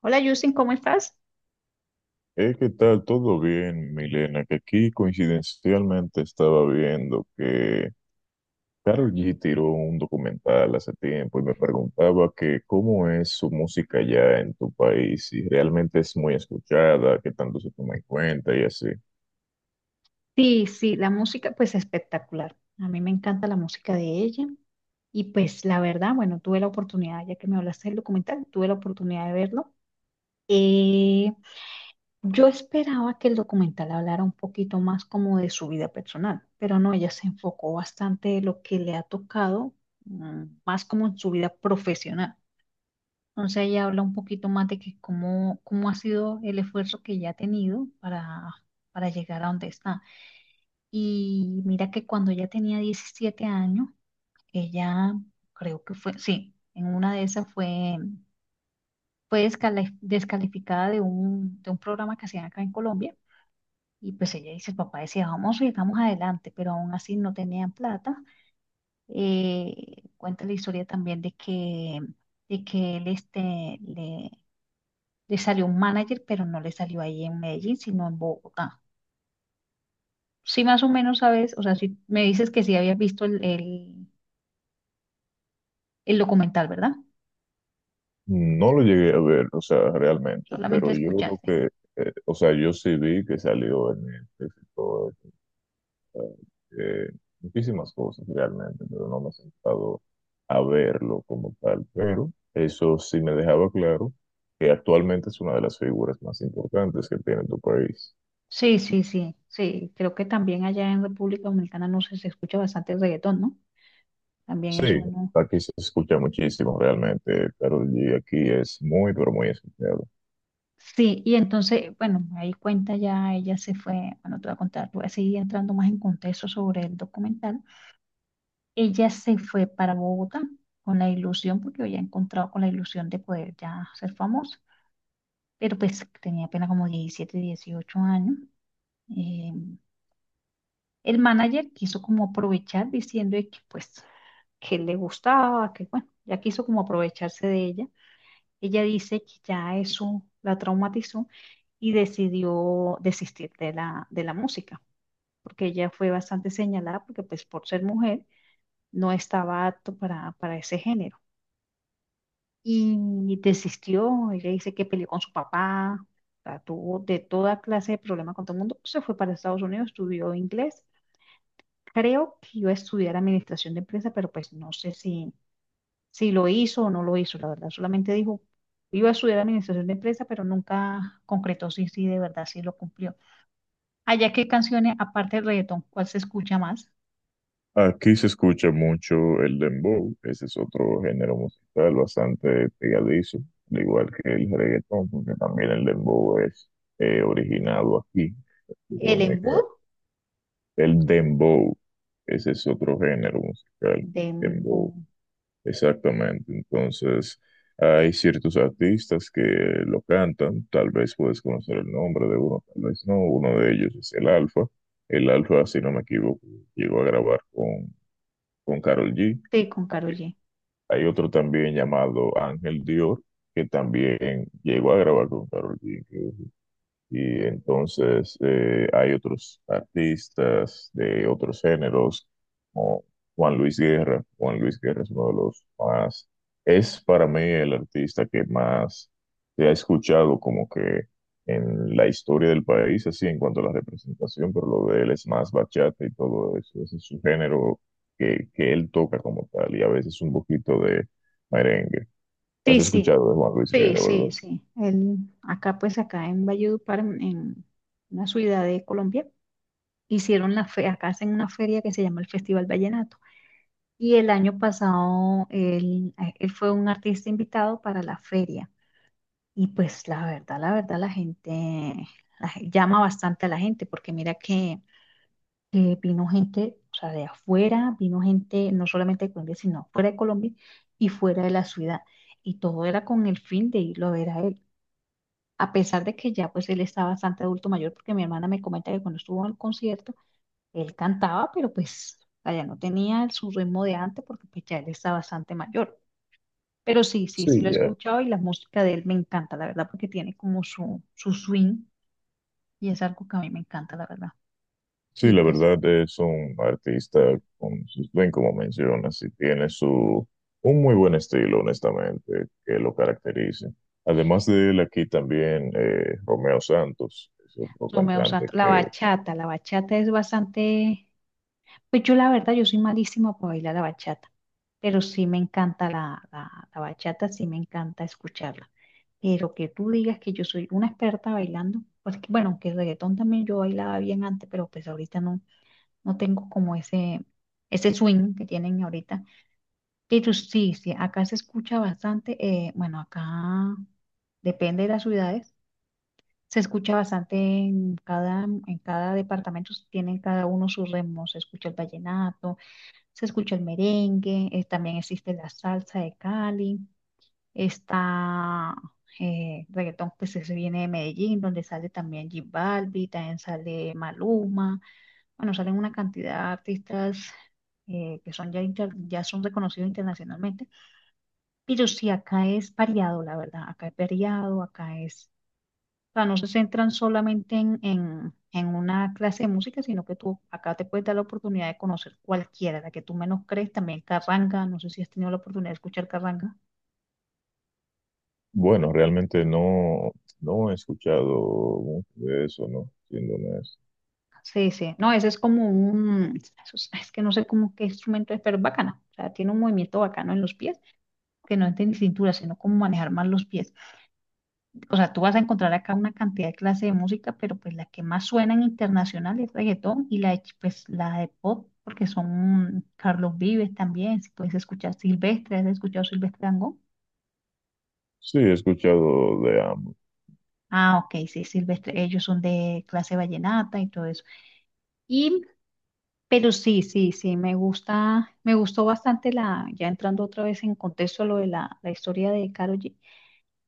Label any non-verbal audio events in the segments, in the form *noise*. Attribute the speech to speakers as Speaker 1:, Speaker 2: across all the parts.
Speaker 1: Hola Justin, ¿cómo estás?
Speaker 2: ¿Qué tal? ¿Todo bien, Milena? Que aquí coincidencialmente estaba viendo que Karol G tiró un documental hace tiempo y me preguntaba que cómo es su música allá en tu país, si realmente es muy escuchada, qué tanto se toma en cuenta y así.
Speaker 1: Sí, sí, la música pues espectacular. A mí me encanta la música de ella y pues la verdad, bueno, tuve la oportunidad, ya que me hablaste del documental, tuve la oportunidad de verlo. Eh, yo esperaba que el documental hablara un poquito más como de su vida personal, pero no, ella se enfocó bastante de lo que le ha tocado, más como en su vida profesional. Entonces ella habla un poquito más de que cómo ha sido el esfuerzo que ella ha tenido para llegar a donde está. Y mira que cuando ella tenía 17 años, ella creo que fue, sí, en una de esas fue, descalificada de de un programa que hacían acá en Colombia. Y pues ella dice, el papá decía, vamos y vamos adelante, pero aún así no tenían plata. Cuenta la historia también de que él este, le salió un manager, pero no le salió ahí en Medellín, sino en Bogotá. Sí, más o menos sabes, o sea, si me dices que sí habías visto el documental, ¿verdad?
Speaker 2: No lo llegué a ver, o sea, realmente,
Speaker 1: Solamente
Speaker 2: pero yo
Speaker 1: escuchaste.
Speaker 2: creo que, o sea, yo sí vi que salió en el eh, muchísimas cosas realmente, pero no me he sentado a verlo como tal. Pero eso sí me dejaba claro que actualmente es una de las figuras más importantes que tiene tu país.
Speaker 1: Sí, sí, sí, sí. Creo que también allá en República Dominicana no sé, se escucha bastante reggaetón, ¿no? También
Speaker 2: Sí,
Speaker 1: es uno.
Speaker 2: aquí se escucha muchísimo realmente, Karol G aquí es muy, pero muy escuchado.
Speaker 1: Sí, y entonces, bueno, ahí cuenta ya, ella se fue, bueno, te voy a contar, voy a seguir entrando más en contexto sobre el documental. Ella se fue para Bogotá con la ilusión, porque había encontrado con la ilusión de poder ya ser famosa, pero pues tenía apenas como 17, 18 años. Eh, el manager quiso como aprovechar diciendo de que pues que le gustaba, que bueno, ya quiso como aprovecharse de ella. Ella dice que ya eso la traumatizó y decidió desistir de de la música, porque ella fue bastante señalada, porque pues por ser mujer no estaba apto para ese género. Y desistió, ella dice que peleó con su papá, o sea, tuvo de toda clase de problemas con todo el mundo, se fue para Estados Unidos, estudió inglés. Creo que iba a estudiar administración de empresa, pero pues no sé si lo hizo o no lo hizo, la verdad. Solamente dijo, iba a estudiar administración de empresas, pero nunca concretó si de verdad sí lo cumplió. Allá, ¿qué canciones, aparte del reggaetón, cuál se escucha más?
Speaker 2: Aquí se escucha mucho el dembow, ese es otro género musical bastante pegadizo, al igual que el reggaetón, porque también el dembow es originado aquí, en República
Speaker 1: El
Speaker 2: Dominicana.
Speaker 1: embudo
Speaker 2: El dembow, ese es otro género musical,
Speaker 1: de embudo.
Speaker 2: dembow, exactamente. Entonces, hay ciertos artistas que lo cantan, tal vez puedes conocer el nombre de uno, tal vez no. Uno de ellos es el Alfa. El Alfa, si no me equivoco, llegó a grabar con Karol G.
Speaker 1: Sí, con Karol G.
Speaker 2: Hay otro también llamado Ángel Dior, que también llegó a grabar con Karol G. Y entonces hay otros artistas de otros géneros, como Juan Luis Guerra. Juan Luis Guerra es uno de los más, es para mí el artista que más se ha escuchado como que en la historia del país, así en cuanto a la representación, pero lo de él es más bachata y todo eso. Ese es su género que él toca como tal y a veces un poquito de merengue. ¿Has
Speaker 1: Sí, sí,
Speaker 2: escuchado de Juan Luis
Speaker 1: sí,
Speaker 2: Guerra,
Speaker 1: sí,
Speaker 2: verdad?
Speaker 1: sí. El, acá, pues, acá en Valledupar, en una ciudad de Colombia, hicieron la fe, acá hacen una feria que se llama el Festival Vallenato. Y el año pasado él fue un artista invitado para la feria. Y pues la verdad, la verdad, la gente llama bastante a la gente, porque mira que vino gente, o sea, de afuera, vino gente no solamente de Colombia, sino fuera de Colombia y fuera de la ciudad. Y todo era con el fin de irlo a ver a él. A pesar de que ya pues él está bastante adulto mayor, porque mi hermana me comenta que cuando estuvo en el concierto, él cantaba, pero pues allá no tenía su ritmo de antes, porque pues ya él está bastante mayor. Pero sí, sí, sí
Speaker 2: Sí,
Speaker 1: lo he
Speaker 2: ya.
Speaker 1: escuchado y la música de él me encanta, la verdad, porque tiene como su swing y es algo que a mí me encanta, la verdad.
Speaker 2: Sí,
Speaker 1: Y
Speaker 2: la
Speaker 1: pues,
Speaker 2: verdad es un artista con sus bien como mencionas, y tiene su un muy buen estilo, honestamente, que lo caracteriza. Además de él, aquí también Romeo Santos, es otro
Speaker 1: Romeo
Speaker 2: cantante
Speaker 1: Santos,
Speaker 2: que,
Speaker 1: la bachata es bastante, pues yo la verdad, yo soy malísima para bailar la bachata, pero sí me encanta la bachata, sí me encanta escucharla. Pero que tú digas que yo soy una experta bailando, pues que, bueno, que el reggaetón también yo bailaba bien antes, pero pues ahorita no, no tengo como ese, swing que tienen ahorita. Pero sí, sí, acá se escucha bastante, bueno, acá depende de las ciudades, se escucha bastante en cada departamento, tienen cada uno sus ritmos, se escucha el vallenato, se escucha el merengue, también existe la salsa de Cali, está reggaetón que se viene de Medellín, donde sale también J Balbi, también sale Maluma, bueno, salen una cantidad de artistas que son ya, ya son reconocidos internacionalmente pero sí, acá es variado, la verdad, acá es variado, acá es, o sea, no se centran solamente en una clase de música, sino que tú acá te puedes dar la oportunidad de conocer cualquiera, la que tú menos crees, también Carranga, no sé si has tenido la oportunidad de escuchar Carranga.
Speaker 2: bueno, realmente no, no he escuchado mucho de eso, ¿no? Siendo honesto.
Speaker 1: Sí, sí, no, ese es como un, eso es que no sé cómo qué instrumento es, pero es bacana, o sea, tiene un movimiento bacano en los pies, que no es de cintura, sino cómo manejar más los pies. O sea, tú vas a encontrar acá una cantidad de clases de música, pero pues la que más suena internacional es reggaetón y la de, pues, la de pop, porque son Carlos Vives también, si puedes escuchar Silvestre, ¿has escuchado Silvestre Dangond?
Speaker 2: Sí, he escuchado de ambos.
Speaker 1: Ah, ok, sí, Silvestre, ellos son de clase vallenata y todo eso. Y, pero sí, sí, sí, me gusta, me gustó bastante la, ya entrando otra vez en contexto a lo de la historia de Karol G,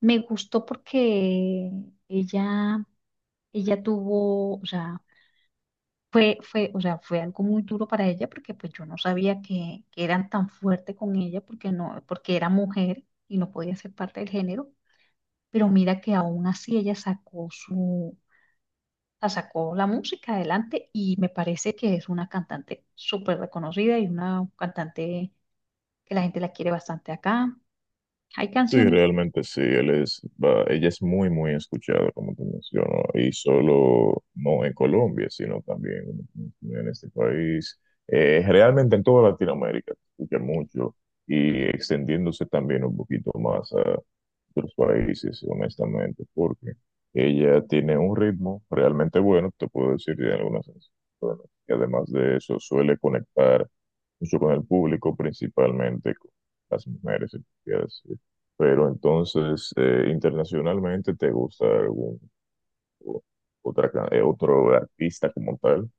Speaker 1: me gustó porque ella, ella tuvo, o sea, fue, o sea, fue algo muy duro para ella porque pues yo no sabía que eran tan fuertes con ella porque no, porque era mujer y no podía ser parte del género, pero mira que aún así ella sacó su, la sacó la música adelante y me parece que es una cantante súper reconocida y una cantante que la gente la quiere bastante acá. Hay
Speaker 2: Sí,
Speaker 1: canciones que.
Speaker 2: realmente sí, él es, ella es muy, muy escuchada, como te menciono, y solo no en Colombia, sino también como te mencioné, en este país, realmente en toda Latinoamérica, se escucha mucho y extendiéndose también un poquito más a otros países, honestamente, porque ella tiene un ritmo realmente bueno, te puedo decir, de algunas canciones, y además de eso suele conectar mucho con el público, principalmente con las mujeres, se podría decir. Pero entonces, internacionalmente, ¿te gusta algún o- otra, otro artista como tal?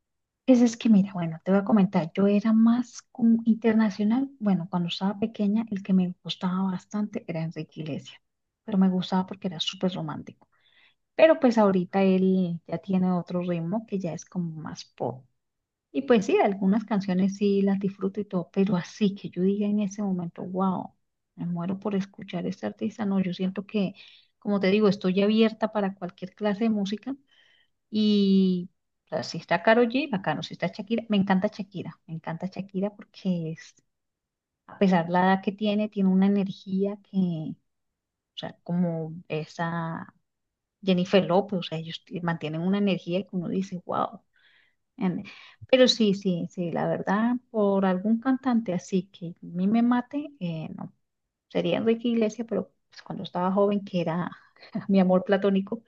Speaker 1: Pues es que mira, bueno, te voy a comentar, yo era más como internacional, bueno, cuando estaba pequeña el que me gustaba bastante era Enrique Iglesias, pero me gustaba porque era súper romántico, pero pues ahorita él ya tiene otro ritmo que ya es como más pop. Y pues sí, algunas canciones sí las disfruto y todo, pero así que yo diga en ese momento, wow, me muero por escuchar a este artista, no, yo siento que, como te digo, estoy abierta para cualquier clase de música y o sea, si está Karol G, bacano. Si está Shakira, me encanta Shakira. Me encanta Shakira porque es, a pesar de la edad que tiene, tiene una energía que, o sea, como esa Jennifer López, o sea, mantienen una energía que uno dice, wow. Pero sí, sí, sí, la verdad, por algún cantante así que a mí me mate, no. Sería Enrique Iglesias, pero pues, cuando estaba joven, que era *laughs* mi amor platónico.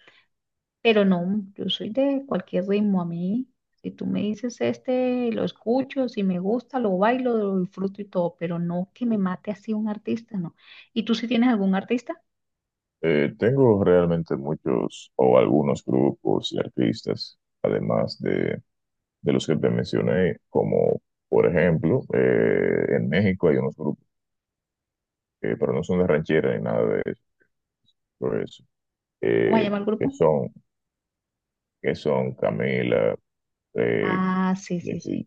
Speaker 1: Pero no, yo soy de cualquier ritmo a mí. Si tú me dices este, lo escucho, si me gusta, lo bailo, lo disfruto y todo, pero no que me mate así un artista, no. ¿Y tú si tienes algún artista?
Speaker 2: Tengo realmente muchos o algunos grupos y artistas, además de los que te mencioné, como por ejemplo, en México hay unos grupos que, pero no son de ranchera ni nada de eso, por eso,
Speaker 1: ¿Cómo se
Speaker 2: eh,
Speaker 1: llama el
Speaker 2: que
Speaker 1: grupo?
Speaker 2: son, que son Camila, eh,
Speaker 1: Ah, sí, sí, sí,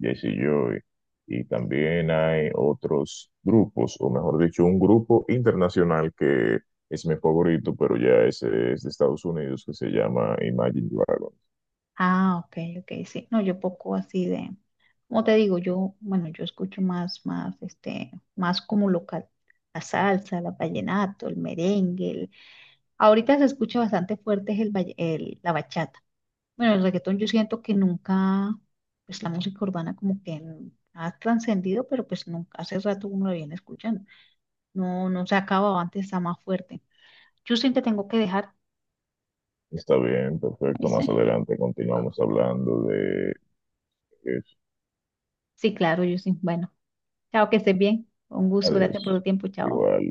Speaker 2: Jessie Joy y
Speaker 1: sí.
Speaker 2: también hay otros grupos, o mejor dicho, un grupo internacional que es mi favorito, pero ya ese es de Estados Unidos, que se llama Imagine Dragons.
Speaker 1: Ah, ok, ok, sí. No, yo poco así de, como te digo, yo, bueno, yo escucho más, más como local. La salsa, la vallenato, el merengue. Ahorita se escucha bastante fuerte es la bachata. Bueno, el reggaetón yo siento que nunca, pues la música urbana como que ha trascendido, pero pues nunca, hace rato uno la viene escuchando. No, no se ha acabado, antes está más fuerte. Justin, te tengo que dejar,
Speaker 2: Está bien, perfecto. Más
Speaker 1: ¿viste?
Speaker 2: adelante continuamos
Speaker 1: Bueno,
Speaker 2: hablando de eso.
Speaker 1: sí, claro, Justin. Bueno, chao, que estés bien. Un gusto, gracias por
Speaker 2: Adiós.
Speaker 1: tu tiempo, chao.
Speaker 2: Igual.